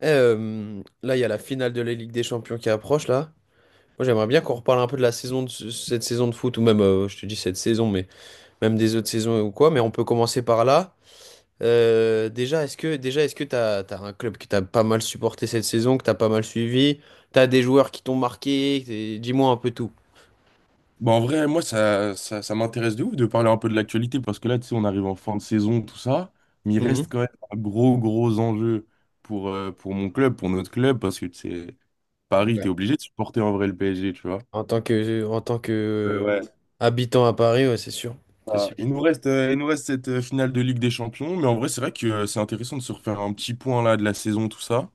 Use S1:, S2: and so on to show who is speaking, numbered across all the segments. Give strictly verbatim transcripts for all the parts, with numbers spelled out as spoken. S1: Eh, euh, là, il y a la finale de la Ligue des Champions qui approche, là. Moi, j'aimerais bien qu'on reparle un peu de la saison de ce- cette saison de foot, ou même, euh, je te dis cette saison, mais même des autres saisons ou quoi. Mais on peut commencer par là. Euh, déjà, est-ce que déjà, est-ce que t'as, t'as un club que t'as pas mal supporté cette saison, que t'as pas mal suivi? T'as des joueurs qui t'ont marqué? t'es- Dis-moi un peu tout.
S2: Bah en vrai, moi, ça, ça, ça m'intéresse de ouf de parler un peu de l'actualité parce que là, tu sais, on arrive en fin de saison, tout ça, mais il reste
S1: Mhm.
S2: quand même un gros, gros enjeu pour, euh, pour mon club, pour notre club, parce que, tu sais, Paris, t'es
S1: Ouais.
S2: obligé de supporter en vrai le P S G, tu vois.
S1: En tant que, en tant que
S2: Euh,
S1: euh,
S2: ouais.
S1: habitant à Paris, ouais, c'est sûr. C'est
S2: Ah,
S1: sûr.
S2: il nous reste, euh, il nous reste cette euh, finale de Ligue des Champions, mais en vrai, c'est vrai que euh, c'est intéressant de se refaire un petit point là de la saison, tout ça.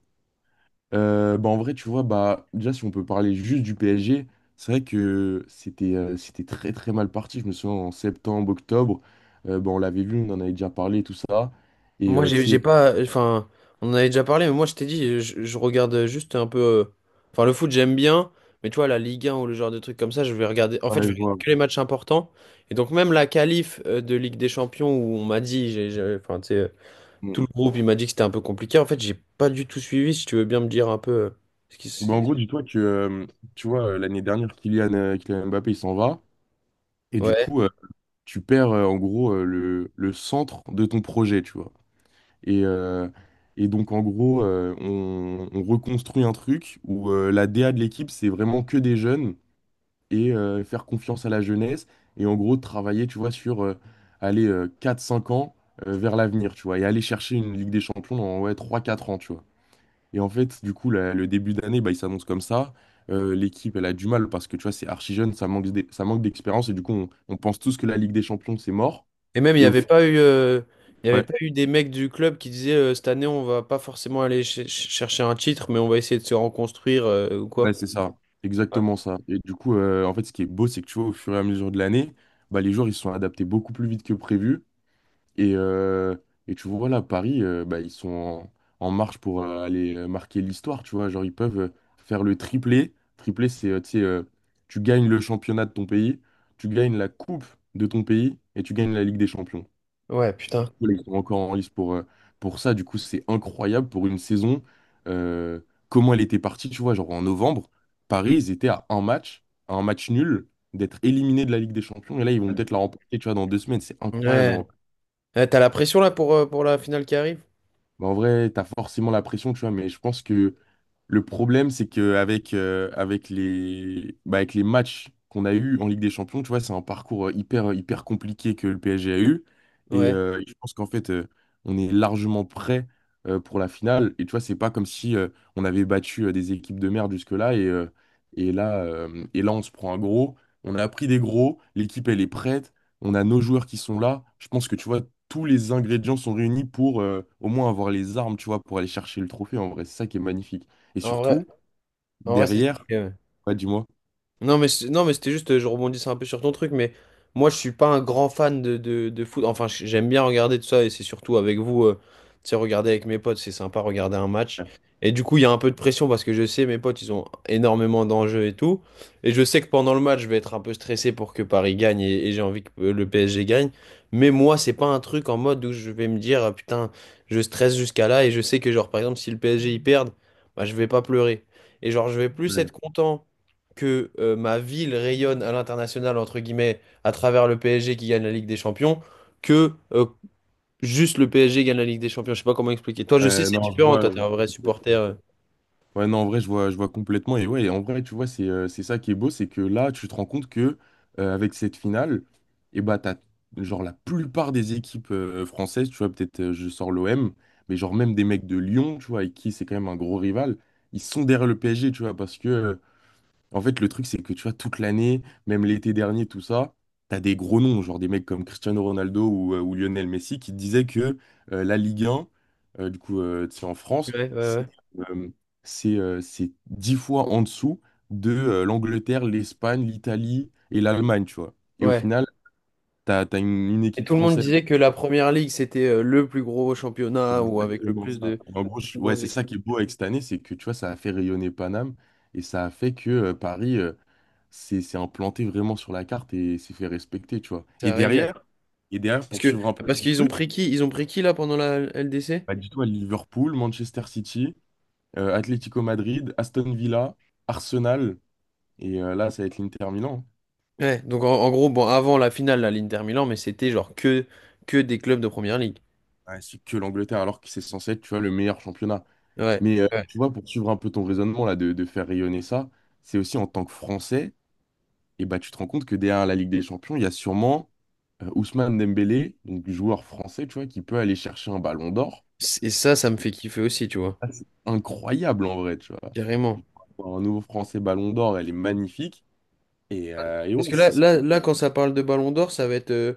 S2: Euh, bah en vrai, tu vois, bah, déjà, si on peut parler juste du P S G, c'est vrai que c'était euh, c'était très très mal parti. Je me souviens en septembre, octobre, euh, bah, on l'avait vu, on en avait déjà parlé, tout ça. Et
S1: Moi,
S2: euh, tu
S1: j'ai j'ai
S2: sais,
S1: pas. Enfin, on en avait déjà parlé, mais moi, je t'ai dit, je, je regarde juste un peu. euh, Enfin, le foot, j'aime bien, mais tu vois, la Ligue un ou le genre de trucs comme ça, je vais regarder. En fait,
S2: ouais,
S1: je
S2: je
S1: vais regarder
S2: vois.
S1: que les matchs importants. Et donc, même la qualif euh, de Ligue des Champions, où on m'a dit, j'ai, j'ai- enfin, tu sais, euh,
S2: Bon.
S1: tout le groupe, il m'a dit que c'était un peu compliqué. En fait, j'ai pas du tout suivi, si tu veux bien me dire un peu. euh, ce qui se-
S2: Bah, en gros, dis-toi que euh, tu vois, euh, l'année dernière, Kylian, euh, Kylian Mbappé, il s'en va. Et du
S1: Ouais.
S2: coup, euh, tu perds euh, en gros euh, le, le centre de ton projet, tu vois. Et, euh, et donc, en gros, euh, on, on reconstruit un truc où euh, la D A de l'équipe, c'est vraiment que des jeunes. Et euh, faire confiance à la jeunesse et en gros travailler, tu vois, sur euh, aller euh, quatre cinq ans euh, vers l'avenir, tu vois, et aller chercher une Ligue des Champions dans ouais, trois quatre ans, tu vois. Et en fait, du coup, la- le début d'année, bah, il s'annonce comme ça. Euh, l'équipe, elle a du mal parce que, tu vois, c'est archi jeune, ça manque d'e- ça manque d'expérience et du coup, on, on pense tous que la Ligue des Champions, c'est mort.
S1: Et même, il n'y
S2: Et au
S1: avait
S2: fi-
S1: pas eu. euh, Il y avait
S2: ouais,
S1: pas eu des mecs du club qui disaient euh, cette année on va pas forcément aller ch- ch- chercher un titre mais on va essayer de se reconstruire euh, ou
S2: ouais,
S1: quoi.
S2: c'est ça, exactement ça. Et du coup, euh, en fait, ce qui est beau, c'est que tu vois, au fur et à mesure de l'année, bah, les joueurs, ils se sont adaptés beaucoup plus vite que prévu. Et, euh, et tu vois, là, Paris, euh, bah, ils sont en, en marche pour euh, aller euh, marquer l'histoire, tu vois. Genre, ils peuvent euh, faire le triplé. Triplé, c'est, euh, tu sais, euh, tu gagnes le championnat de ton pays, tu gagnes la coupe de ton pays et tu gagnes la Ligue des Champions.
S1: Ouais, putain.
S2: Voilà, Ils sont encore en lice pour, euh, pour ça. Du coup, c'est incroyable pour une saison. euh, Comment elle était partie, tu vois, genre en novembre, Paris, ils étaient à un match, à un match nul, d'être éliminés de la Ligue des Champions. Et là, ils vont peut-être la remporter, tu vois, dans deux semaines. C'est incroyable.
S1: Ouais. Ouais, t'as la pression là pour, euh, pour la finale qui arrive?
S2: Bah, en vrai, t'as forcément la pression, tu vois, mais je pense que le problème, c'est qu'avec avec euh, avec les, bah, avec les matchs qu'on a eus en Ligue des Champions, tu vois, c'est un parcours euh, hyper, euh, hyper compliqué que le P S G a eu. Et
S1: Ouais.
S2: euh, je pense qu'en fait, euh, on est largement prêt euh, pour la finale. Et tu vois, c'est pas comme si euh, on avait battu euh, des équipes de merde jusque-là. Et, euh, et là, euh, et là, on se prend un gros. On a pris des gros. L'équipe, elle est prête. On a nos joueurs qui sont là. Je pense que, tu vois, tous les ingrédients sont réunis pour euh, au moins avoir les armes, tu vois, pour aller chercher le trophée. En vrai, c'est ça qui est magnifique. Et
S1: En vrai,
S2: surtout,
S1: en vrai, c'est
S2: derrière,
S1: stylé. Ouais.
S2: ouais, dis-moi.
S1: Non, mais c'est- non, mais c'était juste, euh, je rebondissais un peu sur ton truc, mais moi, je suis pas un grand fan de, de, de foot. Enfin, j- j'aime bien regarder tout ça, et c'est surtout avec vous, euh, tu sais, regarder avec mes potes, c'est sympa, regarder un match. Et du coup, il y a un peu de pression parce que je sais, mes potes, ils ont énormément d'enjeux et tout. Et je sais que pendant le match, je vais être un peu stressé pour que Paris gagne et, et j'ai envie que euh, le P S G gagne. Mais moi, c'est pas un truc en mode où je vais me dire, ah, putain, je stresse jusqu'à là, et je sais que, genre, par exemple, si le P S G y perd, bah, je vais pas pleurer. Et genre, je vais plus
S2: Ouais.
S1: être content que euh, ma ville rayonne à l'international, entre guillemets, à travers le P S G qui gagne la Ligue des Champions, que euh, juste le P S G gagne la Ligue des Champions. Je sais pas comment expliquer. Toi, je sais,
S2: Ouais,
S1: c'est
S2: non, je
S1: différent.
S2: vois.
S1: Toi, t'es
S2: je-
S1: un vrai supporter. euh.
S2: Ouais, non, en vrai, je vois, je vois complètement. Et ouais, en vrai, tu vois, c'est euh, c'est ça qui est beau, c'est que là, tu te rends compte que euh, avec cette finale, et bah, t'as, genre, la plupart des équipes euh, françaises, tu vois, peut-être euh, je sors l'O M, mais genre, même des mecs de Lyon, tu vois, avec qui c'est quand même un gros rival, ils sont derrière le P S G, tu vois, parce que euh, en fait, le truc, c'est que tu vois, toute l'année, même l'été dernier, tout ça, t'as des gros noms, genre des mecs comme Cristiano Ronaldo ou, euh, ou Lionel Messi, qui disaient que euh, la Ligue un, euh, du coup, euh, tu sais, en France,
S1: Ouais, ouais,
S2: c'est euh, c'est euh, c'est dix fois en dessous de euh, l'Angleterre, l'Espagne, l'Italie et l'Allemagne, tu vois. Et
S1: ouais.
S2: au
S1: Ouais.
S2: final, t'as, t'as une, une
S1: Et
S2: équipe
S1: tout le monde
S2: française.
S1: disait que la
S2: Bon,
S1: Première Ligue, c'était euh, le plus gros
S2: c'est
S1: championnat ou avec le
S2: Exactement
S1: plus
S2: ça.
S1: de
S2: En gros,
S1: les plus
S2: je- ouais,
S1: grosses
S2: c'est
S1: équipes.
S2: ça qui est beau avec cette année, c'est que tu vois, ça a fait rayonner Paname et ça a fait que euh, Paris euh, c'est c'est implanté vraiment sur la carte et s'est fait respecter, tu vois. Et
S1: Ça régale.
S2: derrière, et derrière
S1: Parce
S2: pour
S1: que,
S2: suivre un peu le
S1: Parce qu'ils ont
S2: truc,
S1: pris qui? Ils ont pris qui là pendant la L D C?
S2: bah, dis-toi Liverpool, Manchester City, euh, Atlético Madrid, Aston Villa, Arsenal, et euh, là, ça va être l'Inter Milan.
S1: Ouais, donc en, en gros, bon, avant la finale, la l'Inter Milan, mais c'était genre que, que des clubs de Première Ligue.
S2: Hein. Ouais, c'est que l'Angleterre, alors que c'est censé être, tu vois, le meilleur championnat.
S1: Ouais.
S2: Mais euh, tu vois, pour suivre un peu ton raisonnement là, de, de faire rayonner ça, c'est aussi en tant que Français, et bah, tu te rends compte que derrière la Ligue des Champions, il y a sûrement euh, Ousmane Dembélé, donc joueur français, tu vois, qui peut aller chercher un ballon d'or.
S1: Et ça, ça me fait kiffer aussi, tu vois.
S2: Ah, c'est incroyable en vrai, tu vois.
S1: Carrément.
S2: Un nouveau Français Ballon d'Or, elle est magnifique. Et, euh, et
S1: Parce
S2: ouais,
S1: que là,
S2: ce serait-
S1: là, là, quand ça parle de Ballon d'Or, ça va être. euh,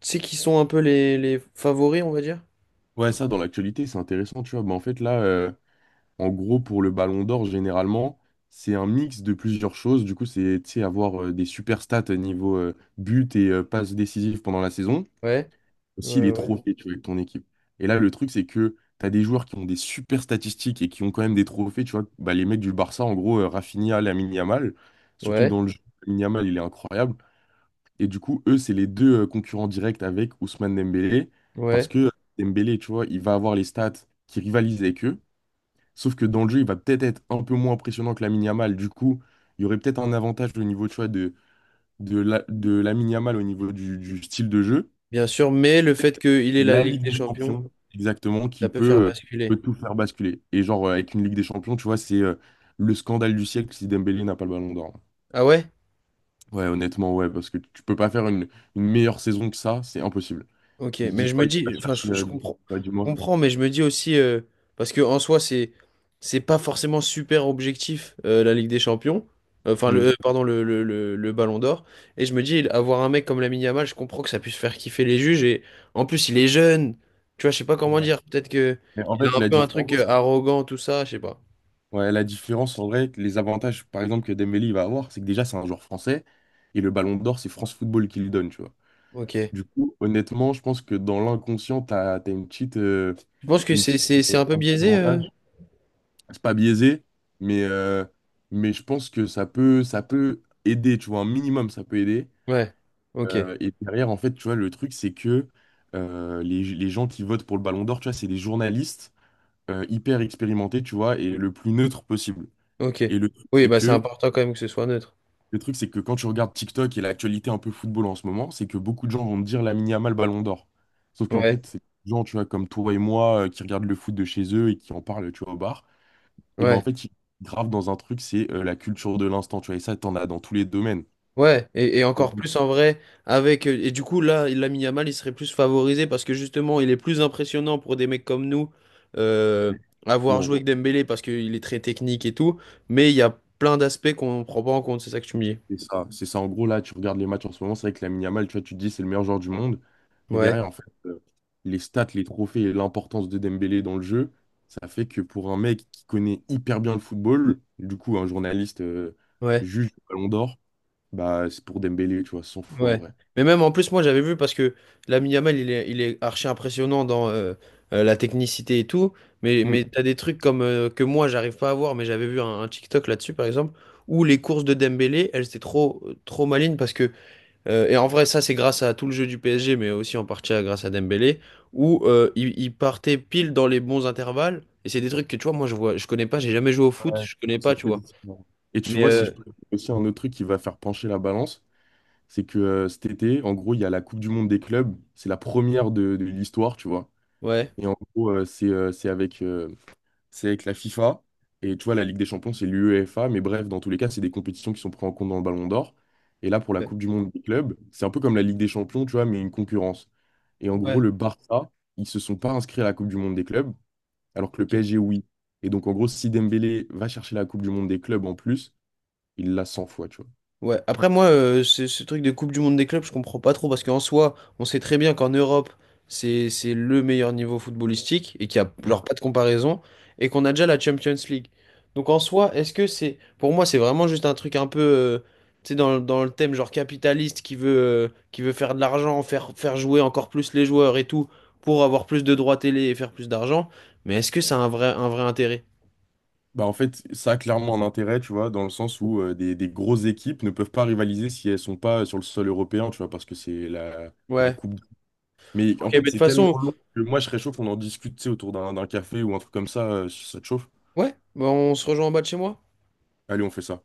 S1: Tu sais qui sont un peu les, les favoris, on va dire?
S2: ouais, ça, dans l'actualité, c'est intéressant, tu vois. Mais en fait, là, euh, en gros, pour le Ballon d'Or, généralement, c'est un mix de plusieurs choses. Du coup, c'est, tu sais, avoir euh, des super stats niveau euh, but et euh, passe décisive pendant la saison.
S1: Ouais, ouais,
S2: S'il est
S1: ouais.
S2: trop fait, tu vois, avec ton équipe. Et là, le truc, c'est que tu as des joueurs qui ont des super statistiques et qui ont quand même des trophées, tu vois. Bah, les mecs du Barça, en gros, euh, Rafinha, Lamine Yamal, surtout que
S1: Ouais,
S2: dans le jeu, Lamine Yamal, il est incroyable. Et du coup, eux, c'est les deux euh, concurrents directs avec Ousmane Dembélé,
S1: ouais.
S2: parce que euh, Dembélé, tu vois, il va avoir les stats qui rivalisent avec eux, sauf que dans le jeu, il va peut-être être un peu moins impressionnant que Lamine Yamal. Du coup, il y aurait peut-être un avantage au niveau, tu vois, de, de, la, de Lamine Yamal au niveau du du style de jeu.
S1: Bien sûr, mais le fait qu'il ait la
S2: La
S1: Ligue
S2: Ligue
S1: des
S2: des
S1: Champions,
S2: Champions, exactement,
S1: ça
S2: qui
S1: peut
S2: peut,
S1: faire
S2: euh, peut
S1: basculer.
S2: tout faire basculer. Et genre, euh, avec une Ligue des Champions, tu vois, c'est euh, le scandale du siècle si Dembélé n'a pas le ballon d'or.
S1: Ah ouais?
S2: Ouais, honnêtement, ouais, parce que tu peux pas faire une, une meilleure saison que ça, c'est impossible.
S1: Ok,
S2: Il se
S1: mais
S2: dit
S1: je me
S2: quoi, il va
S1: dis, enfin,
S2: chercher,
S1: je, je
S2: euh,
S1: comprends, je
S2: ouais, du moins.
S1: comprends, mais je me dis aussi, euh, parce que en soi, c'est, c'est pas forcément super objectif euh, la Ligue des Champions. Euh, enfin,
S2: Hmm.
S1: le, euh, pardon, le, le, le, le Ballon d'Or. Et je me dis, avoir un mec comme Lamine Yamal, je comprends que ça puisse faire kiffer les juges. Et en plus, il est jeune, tu vois, je sais pas comment
S2: Ouais.
S1: dire. Peut-être que
S2: Mais en
S1: il a
S2: fait,
S1: un
S2: la
S1: peu un truc euh,
S2: différence,
S1: arrogant, tout ça, je sais pas.
S2: ouais, la différence, en vrai, que les avantages, par exemple, que Dembélé il va avoir, c'est que déjà, c'est un joueur français, et le ballon d'or, c'est France Football qui lui donne, tu vois.
S1: Ok.
S2: Du coup, honnêtement, je pense que dans l'inconscient, tu as, une petite, euh,
S1: Je pense que
S2: une
S1: c'est,
S2: petite,
S1: c'est, c'est
S2: euh,
S1: un peu
S2: un petit
S1: biaisé. euh
S2: avantage. C'est pas biaisé, mais, euh, mais je pense que ça peut, ça peut aider, tu vois, un minimum, ça peut aider.
S1: Ouais. Ok.
S2: Euh, et derrière, en fait, tu vois, le truc, c'est que euh, les, les gens qui votent pour le Ballon d'Or, tu vois, c'est des journalistes euh, hyper expérimentés, tu vois, et le plus neutre possible.
S1: Ok.
S2: Et le truc,
S1: Oui,
S2: c'est
S1: bah c'est
S2: que
S1: important quand même que ce soit neutre.
S2: Le truc, c'est que quand tu regardes TikTok et l'actualité un peu football en ce moment, c'est que beaucoup de gens vont te dire Lamine Yamal Ballon d'Or. Sauf qu'en
S1: Ouais.
S2: fait, c'est des gens, tu vois, comme toi et moi, euh, qui regardent le foot de chez eux et qui en parlent, tu vois, au bar. Et ben en
S1: Ouais.
S2: fait, ils gravent dans un truc, c'est euh, la culture de l'instant, tu vois. Et ça, t'en as dans tous les domaines.
S1: Ouais, et, et encore plus en vrai, avec. euh, Et du coup, là, il Lamine Yamal, il serait plus favorisé parce que justement, il est plus impressionnant pour des mecs comme nous, euh, avoir joué
S2: Exactement.
S1: avec Dembélé parce qu'il est très technique et tout, mais il y a plein d'aspects qu'on ne prend pas en compte, c'est ça que tu me dis.
S2: C'est ça, c'est ça. En gros, là, tu regardes les matchs en ce moment, c'est vrai que Lamine Yamal, tu vois, tu te dis c'est le meilleur joueur du monde. Mais
S1: Ouais,
S2: derrière, en fait, euh, les stats, les trophées et l'importance de Dembélé dans le jeu, ça fait que pour un mec qui connaît hyper bien le football, du coup, un journaliste euh,
S1: ouais.
S2: juge le Ballon d'Or, bah, c'est pour Dembélé, tu vois, cent fois en
S1: Ouais.
S2: vrai.
S1: Mais même en plus, moi j'avais vu parce que Lamine Yamal, il est, il est archi impressionnant dans euh, euh, la technicité et tout. Mais, mais
S2: Mm.
S1: t'as des trucs comme euh, que moi j'arrive pas à voir, mais j'avais vu un, un TikTok là-dessus par exemple, où les courses de Dembélé, elles étaient trop, trop malines parce que, euh, et en vrai, ça c'est grâce à tout le jeu du P S G, mais aussi en partie à- grâce à Dembélé, où euh, il, il partait pile dans les bons intervalles. Et c'est des trucs que tu vois, moi je vois, je connais pas, j'ai jamais joué au foot,
S2: Ouais,
S1: je connais pas,
S2: c'est
S1: tu
S2: très
S1: vois.
S2: différent. Et tu
S1: Mais
S2: vois, si
S1: euh,
S2: je prends aussi un autre truc qui va faire pencher la balance, c'est que euh, cet été, en gros, il y a la Coupe du Monde des clubs. C'est la première de, de l'histoire, tu vois.
S1: ouais,
S2: Et en gros, euh, c'est euh, c'est avec euh, c'est avec la FIFA. Et tu vois, la Ligue des Champions, c'est l'UEFA. Mais bref, dans tous les cas, c'est des compétitions qui sont prises en compte dans le Ballon d'Or. Et là, pour la
S1: ouais,
S2: Coupe du Monde des clubs, c'est un peu comme la Ligue des Champions, tu vois, mais une concurrence. Et en gros,
S1: ouais.
S2: le Barça, ils se sont pas inscrits à la Coupe du Monde des clubs, alors que le
S1: Ok.
S2: P S G, oui. Et donc, en gros, si Dembélé va chercher la Coupe du Monde des clubs en plus, il l'a cent fois, tu vois.
S1: Ouais, après moi, euh, ce, ce truc de Coupe du Monde des clubs, je comprends pas trop parce qu'en soi, on sait très bien qu'en Europe, c'est c'est le meilleur niveau footballistique et qu'il y a genre pas de comparaison et qu'on a déjà la Champions League. Donc en soi, est-ce que c'est pour moi, c'est vraiment juste un truc un peu euh, tu sais dans, le- dans le thème genre capitaliste qui veut euh, qui veut faire de l'argent, faire faire jouer encore plus les joueurs et tout pour avoir plus de droits télé et faire plus d'argent, mais est-ce que c'est un vrai un vrai intérêt?
S2: Bah, en fait, ça a clairement un intérêt, tu vois, dans le sens où euh, des, des grosses équipes ne peuvent pas rivaliser si elles sont pas sur le sol européen, tu vois, parce que c'est la, la
S1: Ouais.
S2: Coupe. Mais
S1: OK,
S2: en
S1: mais
S2: fait,
S1: de toute
S2: c'est tellement
S1: façon,
S2: long que moi, je serais chaud qu'on en discute, tu sais, autour d'un d'un café ou un truc comme ça, euh, si ça te chauffe.
S1: ouais, bah, on se rejoint en bas de chez moi.
S2: Allez, on fait ça.